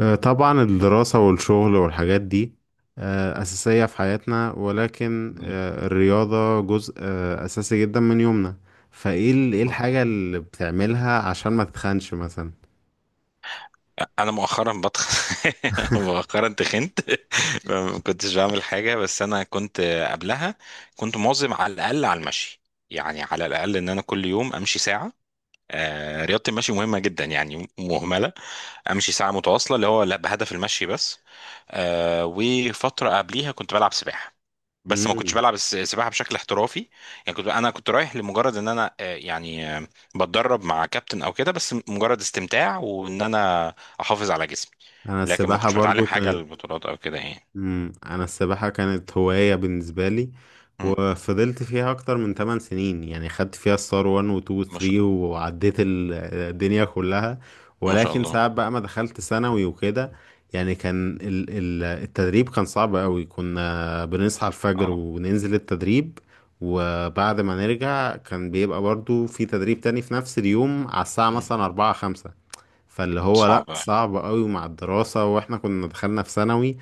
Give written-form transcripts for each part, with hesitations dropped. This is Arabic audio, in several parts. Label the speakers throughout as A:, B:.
A: طبعا الدراسة والشغل والحاجات دي أساسية في حياتنا، ولكن
B: مم.
A: الرياضة جزء أساسي جدا من يومنا. فإيه إيه
B: حصل.
A: الحاجة اللي بتعملها عشان ما تتخنش مثلا؟
B: انا مؤخرا بتخن. مؤخرا تخنت. فما كنتش بعمل حاجه، بس انا كنت قبلها كنت مواظب على الاقل على المشي، يعني على الاقل ان انا كل يوم امشي ساعه. رياضه المشي مهمه جدا يعني، مهمله. امشي ساعه متواصله، اللي هو لا بهدف المشي بس. آه وفتره قبليها كنت بلعب سباحه، بس ما كنتش
A: مم.
B: بلعب السباحه بشكل احترافي. يعني كنت، انا كنت رايح لمجرد ان انا، بتدرب مع كابتن او كده، بس مجرد استمتاع وان انا احافظ على جسمي.
A: أنا
B: لكن ما
A: السباحة
B: كنتش
A: برضو
B: بتعلم حاجه
A: كانت
B: للبطولات او كده يعني.
A: انا السباحة كانت هواية بالنسبة لي،
B: مم.
A: وفضلت فيها اكتر من 8 سنين، يعني خدت فيها الصار 1 و 2 و
B: ما شاء،
A: 3 وعديت الدنيا كلها.
B: ما شاء
A: ولكن
B: الله.
A: ساعات بقى ما دخلت ثانوي وكده، يعني كان التدريب كان صعب قوي، كنا بنصحى الفجر
B: اه.
A: وننزل التدريب. وبعد ما نرجع كان بيبقى برضو في تدريب تاني في نفس اليوم على الساعة
B: مم.
A: مثلا 4 5. فاللي هو لأ،
B: صعب يعني.
A: صعب قوي مع الدراسة واحنا كنا دخلنا في ثانوي.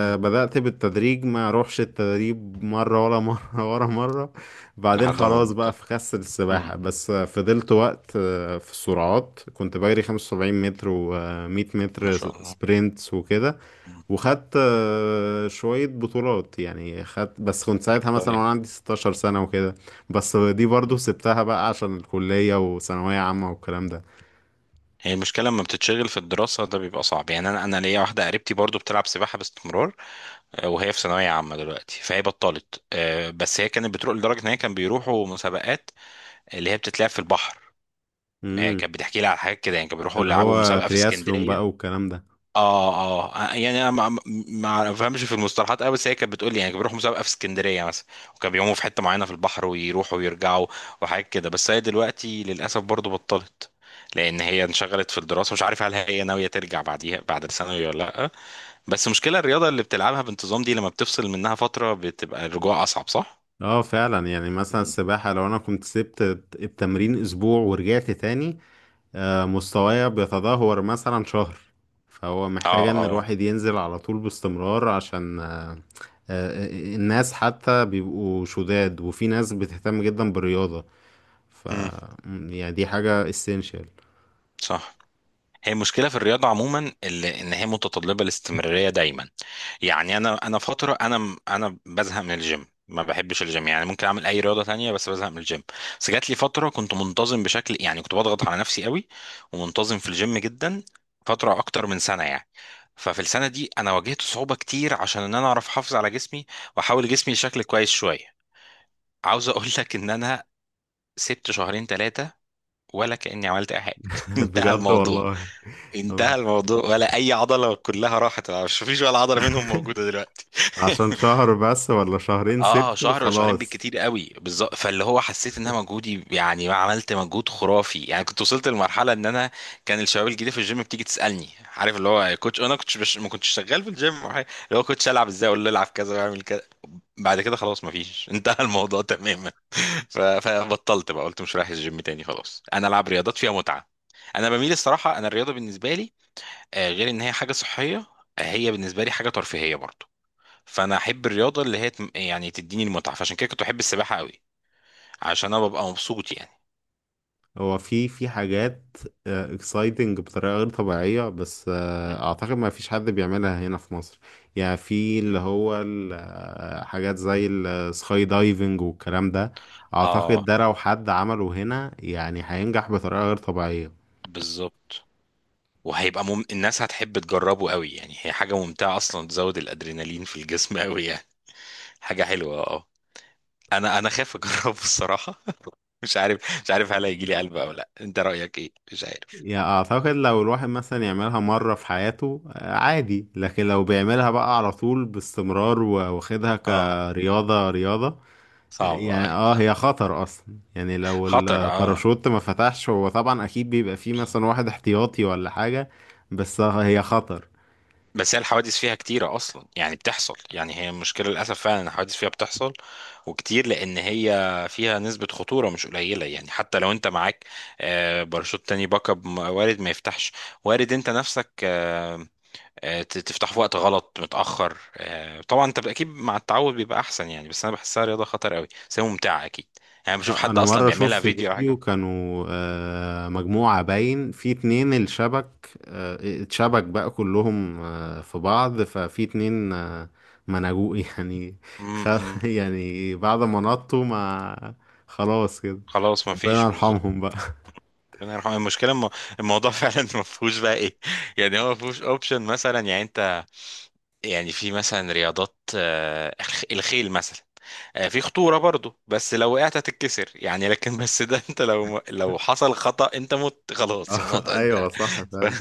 B: مم.
A: بالتدريج ما اروحش التدريب مرة ولا مرة ورا مرة. بعدين
B: لحد ما
A: خلاص بقى
B: بطل.
A: في خس
B: مم.
A: السباحة، بس فضلت وقت. في السرعات كنت بجري 75 متر و100
B: ما
A: متر س-
B: شاء الله.
A: سبرينتس وكده.
B: مم.
A: وخدت شوية بطولات، يعني خدت، بس كنت ساعتها مثلا
B: كويس.
A: وانا عندي 16 سنة وكده. بس دي برضو سبتها بقى عشان الكلية وثانوية عامة والكلام
B: هي المشكلة لما بتتشغل في الدراسة، ده بيبقى صعب يعني. أنا ليا واحدة قريبتي برضو بتلعب سباحة باستمرار، وهي في ثانوية عامة دلوقتي، فهي بطلت. بس هي كانت بتروح لدرجة إن هي كان بيروحوا مسابقات اللي هي بتتلعب في البحر.
A: ده،
B: كانت بتحكي لي على حاجات كده، يعني كانوا بيروحوا
A: اللي
B: يلعبوا
A: هو
B: مسابقة في
A: ترياسلون بقى
B: اسكندرية.
A: والكلام ده.
B: اه اه، يعني انا ما بفهمش في المصطلحات قوي، بس هي كانت بتقول لي يعني كانوا بيروحوا مسابقه في اسكندريه مثلا، وكانوا بيقوموا في حته معينه في البحر ويروحوا ويرجعوا، وحاجات كده. بس هي دلوقتي للاسف برضو بطلت، لان هي انشغلت في الدراسه. مش عارف هل هي ناويه ترجع بعديها بعد الثانوي ولا لا؟ بس مشكله الرياضه اللي بتلعبها بانتظام دي، لما بتفصل منها فتره بتبقى الرجوع اصعب، صح؟
A: اه فعلا، يعني مثلا
B: مم.
A: السباحة لو انا كنت سبت التمرين اسبوع ورجعت تاني، مستوايا بيتدهور مثلا شهر. فهو محتاج
B: اه
A: ان
B: اه.
A: الواحد ينزل على طول باستمرار عشان آه، الناس حتى بيبقوا شداد، وفي ناس بتهتم جدا بالرياضة. ف
B: امم.
A: يعني دي حاجة essential.
B: صح. هي المشكله في الرياضه عموما، اللي ان هي متطلبه الاستمراريه دايما. يعني انا فتره، انا انا بزهق من الجيم، ما بحبش الجيم. يعني ممكن اعمل اي رياضه تانية، بس بزهق من الجيم. بس جات لي فتره كنت منتظم بشكل يعني، كنت بضغط على نفسي قوي، ومنتظم في الجيم جدا، فتره اكتر من سنه يعني. ففي السنه دي انا واجهت صعوبه كتير، عشان ان انا اعرف احافظ على جسمي واحول جسمي شكل كويس شويه. عاوز اقول لك ان انا سبت شهرين ثلاثه، ولا كاني عملت اي حاجه. انتهى
A: بجد
B: الموضوع.
A: والله.
B: انتهى الموضوع، ولا اي عضله، كلها راحت، مش فيش ولا عضله منهم موجوده دلوقتي.
A: عشان شهر بس ولا شهرين
B: اه،
A: سبته
B: شهر ولا شهرين
A: خلاص؟
B: بالكتير قوي، بالظبط. فاللي هو حسيت ان انا مجهودي، يعني ما عملت مجهود خرافي، يعني كنت وصلت لمرحله ان انا كان الشباب الجديده في الجيم بتيجي تسالني، عارف اللي هو يا كوتش، ما كنتش شغال في الجيم أو حاجة. اللي هو كوتش، العب ازاي؟ اقول له العب كذا واعمل كذا. بعد كده خلاص ما فيش. انتهى الموضوع تماما. فبطلت بقى، قلت مش رايح الجيم تاني، خلاص انا العب رياضات فيها متعه. انا بميل، الصراحه، انا الرياضه بالنسبه لي، غير ان هي حاجه صحيه، هي بالنسبه لي حاجه ترفيهيه برضه. فانا احب الرياضه اللي هي يعني تديني المتعه، فعشان كده كنت بحب السباحه قوي، عشان انا ببقى مبسوط يعني.
A: هو في حاجات اكسايتنج بطريقة غير طبيعية، بس
B: مم.
A: اعتقد ما فيش حد بيعملها هنا في مصر. يعني في اللي
B: مم.
A: هو حاجات زي السكاي دايفنج والكلام ده. اعتقد
B: اه،
A: ده لو حد عمله هنا يعني هينجح بطريقة غير طبيعية.
B: بالظبط. وهيبقى الناس هتحب تجربه قوي، يعني هي حاجه ممتعه اصلا، تزود الادرينالين في الجسم قوي يعني، حاجه حلوه اه. انا خايف اجربه الصراحه. مش عارف، هل هيجي لي قلب او لا؟ انت رايك ايه؟ مش عارف.
A: يعني اعتقد لو الواحد مثلا يعملها مرة في حياته عادي، لكن لو بيعملها بقى على طول باستمرار واخدها
B: اه،
A: كرياضة رياضة.
B: صعب اه،
A: يعني اه،
B: صح؟
A: هي خطر اصلا، يعني لو
B: خطر اه.
A: الباراشوت ما فتحش هو طبعا اكيد بيبقى فيه مثلا واحد احتياطي ولا حاجة. بس هي خطر.
B: بس هي الحوادث فيها كتيرة أصلا، يعني بتحصل. يعني هي المشكلة للأسف، فعلا إن الحوادث فيها بتحصل وكتير، لأن هي فيها نسبة خطورة مش قليلة يعني. حتى لو أنت معاك باراشوت تاني، باك اب، وارد ما يفتحش، وارد أنت نفسك تفتح في وقت غلط متأخر. طبعا أنت أكيد مع التعود بيبقى أحسن يعني، بس أنا بحسها رياضة خطر قوي، بس هي ممتعة أكيد. يعني بشوف حد
A: انا
B: أصلا
A: مرة شفت
B: بيعملها فيديو أو
A: فيديو،
B: حاجة.
A: كانوا مجموعة باين في اتنين الشبك، اتشبك بقى كلهم في بعض، ففي اتنين ما نجوا يعني. خ...
B: م- م.
A: يعني بعد ما نطوا، ما خلاص كده.
B: خلاص
A: ربنا
B: مفيش، بالظبط.
A: يرحمهم بقى.
B: ربنا يرحمه. الموضوع فعلا ما فيهوش بقى ايه. يعني هو ما فيهوش اوبشن مثلا، يعني انت، يعني في مثلا رياضات، الخيل مثلا، في خطوره برضو، بس لو وقعت هتتكسر يعني، لكن بس ده انت لو حصل خطأ انت مت، خلاص الموضوع انت.
A: ايوه صح
B: ف...
A: فعلا.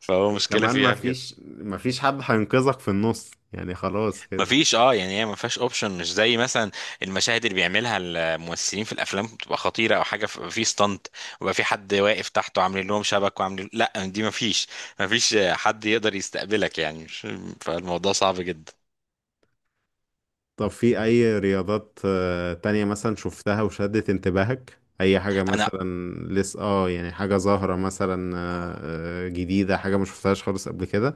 B: فهو مشكله
A: وكمان
B: فيها في كده.
A: مفيش حد هينقذك في النص، يعني خلاص كده.
B: مفيش اه، يعني هي مفيهاش اوبشن، مش زي مثلا المشاهد اللي بيعملها الممثلين في الافلام بتبقى خطيره او حاجه، في ستانت، ويبقى في حد واقف تحته عاملين لهم شبك وعاملين، لا دي مفيش، مفيش حد يقدر يستقبلك يعني. فالموضوع صعب جدا.
A: طب في أي رياضات تانية مثلا شفتها وشدت انتباهك؟ أي حاجة
B: انا،
A: مثلا لسه اه، يعني حاجة ظاهرة مثلا
B: آه.
A: جديدة، حاجة ما شفتهاش خالص قبل كده؟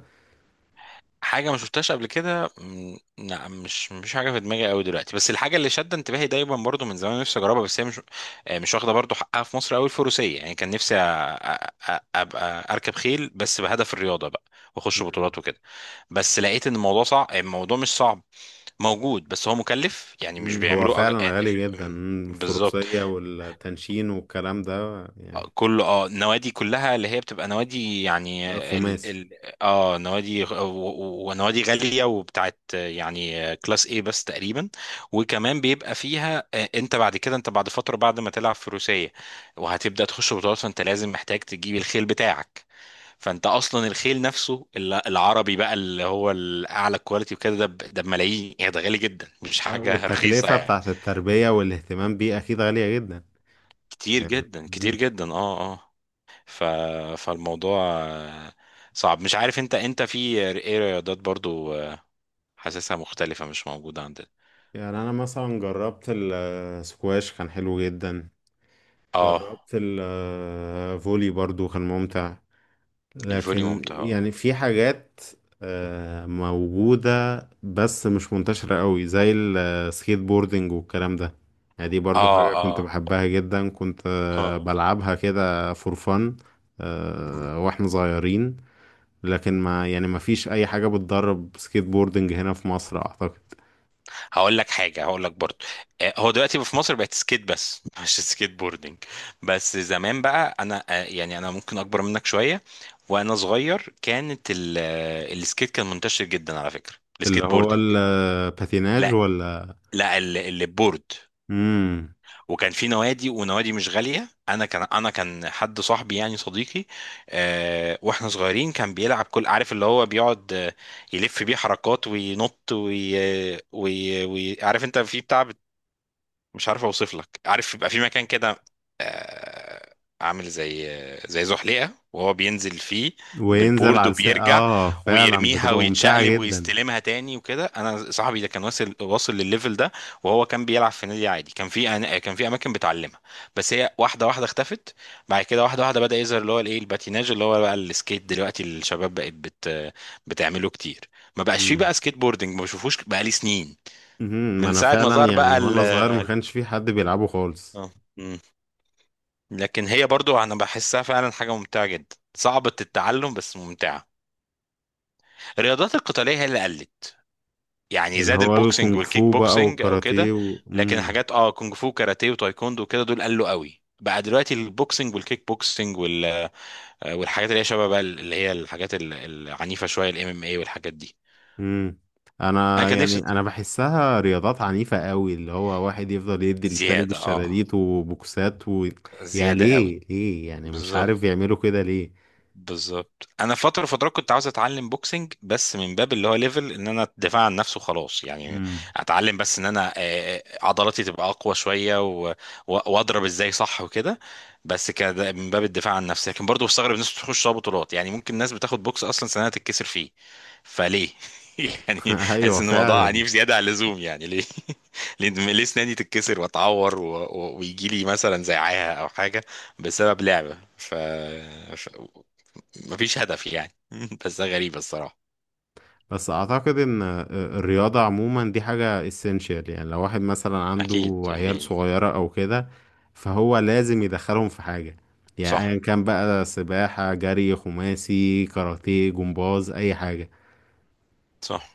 B: حاجة ما شفتهاش قبل كده، م، لا مش حاجة في دماغي قوي دلوقتي. بس الحاجة اللي شادة انتباهي دايما برضو من زمان، نفسي اجربها، بس هي مش، مش واخدة برضو حقها في مصر قوي، الفروسية. يعني كان نفسي ابقى اركب خيل، بس بهدف الرياضة بقى، واخش
A: مم.
B: بطولات وكده. بس لقيت ان الموضوع صعب، الموضوع مش صعب، موجود، بس هو مكلف يعني. مش
A: مم، هو
B: بيعملوا أج...
A: فعلا
B: آه،
A: غالي جدا. مم،
B: بالظبط.
A: الفروسية والتنشين والكلام ده يعني.
B: كل اه النوادي كلها اللي هي بتبقى نوادي يعني، ال
A: خماسي.
B: ال اه نوادي ونوادي غالية وبتاعت يعني كلاس ايه بس تقريبا. وكمان بيبقى فيها، انت بعد كده، انت بعد فترة بعد ما تلعب فروسية وهتبدأ تخش بطولات، فانت لازم محتاج تجيب الخيل بتاعك. فانت اصلا الخيل نفسه العربي بقى، اللي هو الاعلى كواليتي وكده، ده ده بملايين يعني، ده غالي جدا، مش حاجة رخيصة
A: والتكلفة
B: يعني.
A: بتاعت التربية والاهتمام بيه أكيد غالية جدا
B: كتير
A: يعني.
B: جدا، كتير جدا، اه اه. ف... فالموضوع صعب. مش عارف انت، انت في ايه رياضات برضو حاسسها مختلفة مش موجودة عندنا؟
A: يعني انا مثلا جربت السكواش كان حلو جدا.
B: اه،
A: جربت الفولي برضو كان ممتع.
B: الفولي
A: لكن
B: ممتع اه.
A: يعني في حاجات موجودة، بس مش منتشرة قوي زي السكيت بوردنج والكلام ده. يعني دي برضو حاجة كنت
B: اه
A: بحبها جدا، كنت
B: اه.
A: بلعبها كده فور فن
B: مم.
A: واحنا صغيرين. لكن ما فيش اي حاجة بتدرب سكيت بوردنج هنا في مصر اعتقد.
B: هقول لك حاجة، هقول لك برضو، هو دلوقتي في مصر بقت سكيت بس، مش سكيت بوردنج. بس زمان بقى انا، يعني انا ممكن اكبر منك شوية، وانا صغير كانت السكيت كان منتشر جدا، على فكرة،
A: اللي
B: السكيت
A: هو
B: بوردنج.
A: الباتيناج.
B: لا، لا، البورد.
A: امم.
B: وكان في نوادي، ونوادي مش غاليه. انا كان حد صاحبي، يعني صديقي، واحنا صغيرين كان بيلعب، كل عارف اللي هو بيقعد، يلف بيه حركات وينط وي... آه، وي... وي... عارف، انت في بتاع، مش عارف اوصف لك، عارف يبقى في مكان كده، آه، عامل زي، زي زحليقه وهو بينزل فيه بالبورد، وبيرجع
A: اه فعلا
B: ويرميها
A: بتبقى ممتعة
B: ويتشقلب
A: جدا.
B: ويستلمها تاني وكده. انا صاحبي ده كان واصل، واصل للليفل ده، وهو كان بيلعب في نادي عادي. كان في اماكن بتعلمها، بس هي واحده واحده اختفت بعد كده. واحده واحده بدا يظهر اللي هو الايه، الباتيناج اللي هو بقى السكيت دلوقتي، الشباب بقت بتعمله كتير. ما بقاش فيه بقى
A: امم.
B: سكيت بوردنج، ما بشوفوش بقى لي سنين، من
A: انا
B: ساعه ما
A: فعلا
B: ظهر بقى
A: يعني وانا صغير ما كانش في حد بيلعبه خالص.
B: اه. مم. لكن هي برضو انا بحسها فعلا حاجه ممتعه جدا، صعبه التعلم بس ممتعه. الرياضات القتاليه هي اللي قلت، يعني
A: اللي
B: زاد
A: هو
B: البوكسنج
A: الكونغ
B: والكيك
A: فو بقى
B: بوكسنج او
A: والكاراتيه
B: كده.
A: و...
B: لكن
A: امم.
B: الحاجات اه، كونج فو كاراتيه وتايكوندو وكده دول قلوا قوي بقى دلوقتي. البوكسنج والكيك بوكسنج والحاجات اللي هي شبه بقى اللي هي الحاجات العنيفه شويه، الام ام اي والحاجات دي.
A: امم
B: انا كان نفسي
A: انا بحسها رياضات عنيفة قوي، اللي هو واحد يفضل يدي للتاني
B: زياده اه،
A: بالشلاليت وبوكسات و... يا،
B: زياده قوي.
A: ليه ليه، يعني مش عارف
B: بالظبط،
A: يعملوا كده ليه.
B: بالظبط. انا فتره، فترات كنت عاوز اتعلم بوكسنج، بس من باب اللي هو ليفل ان انا ادافع عن نفسي وخلاص يعني.
A: امم.
B: اتعلم بس ان انا، عضلاتي تبقى اقوى شويه واضرب ازاي صح وكده. بس كده من باب الدفاع عن نفسي. لكن برضه بستغرب الناس بتخش لها بطولات، يعني ممكن الناس بتاخد بوكس اصلا سنه تتكسر فيه، فليه؟ يعني
A: ايوه
B: حاسس ان الموضوع
A: فعلا.
B: عنيف زياده عن اللزوم يعني، ليه؟ ليه، ليه اسناني تتكسر واتعور ويجي لي مثلا زعاها او حاجه، بسبب لعبه؟ مفيش هدف يعني. بس ده غريب الصراحة.
A: بس اعتقد ان الرياضة عموما دي حاجة essential، يعني لو واحد مثلا
B: أكيد،
A: عنده عيال
B: أكيد.
A: صغيرة او كده فهو لازم يدخلهم في حاجة، يعني
B: صح.
A: ايا كان بقى، سباحة، جري، خماسي، كاراتيه، جمباز، اي حاجة.
B: صح.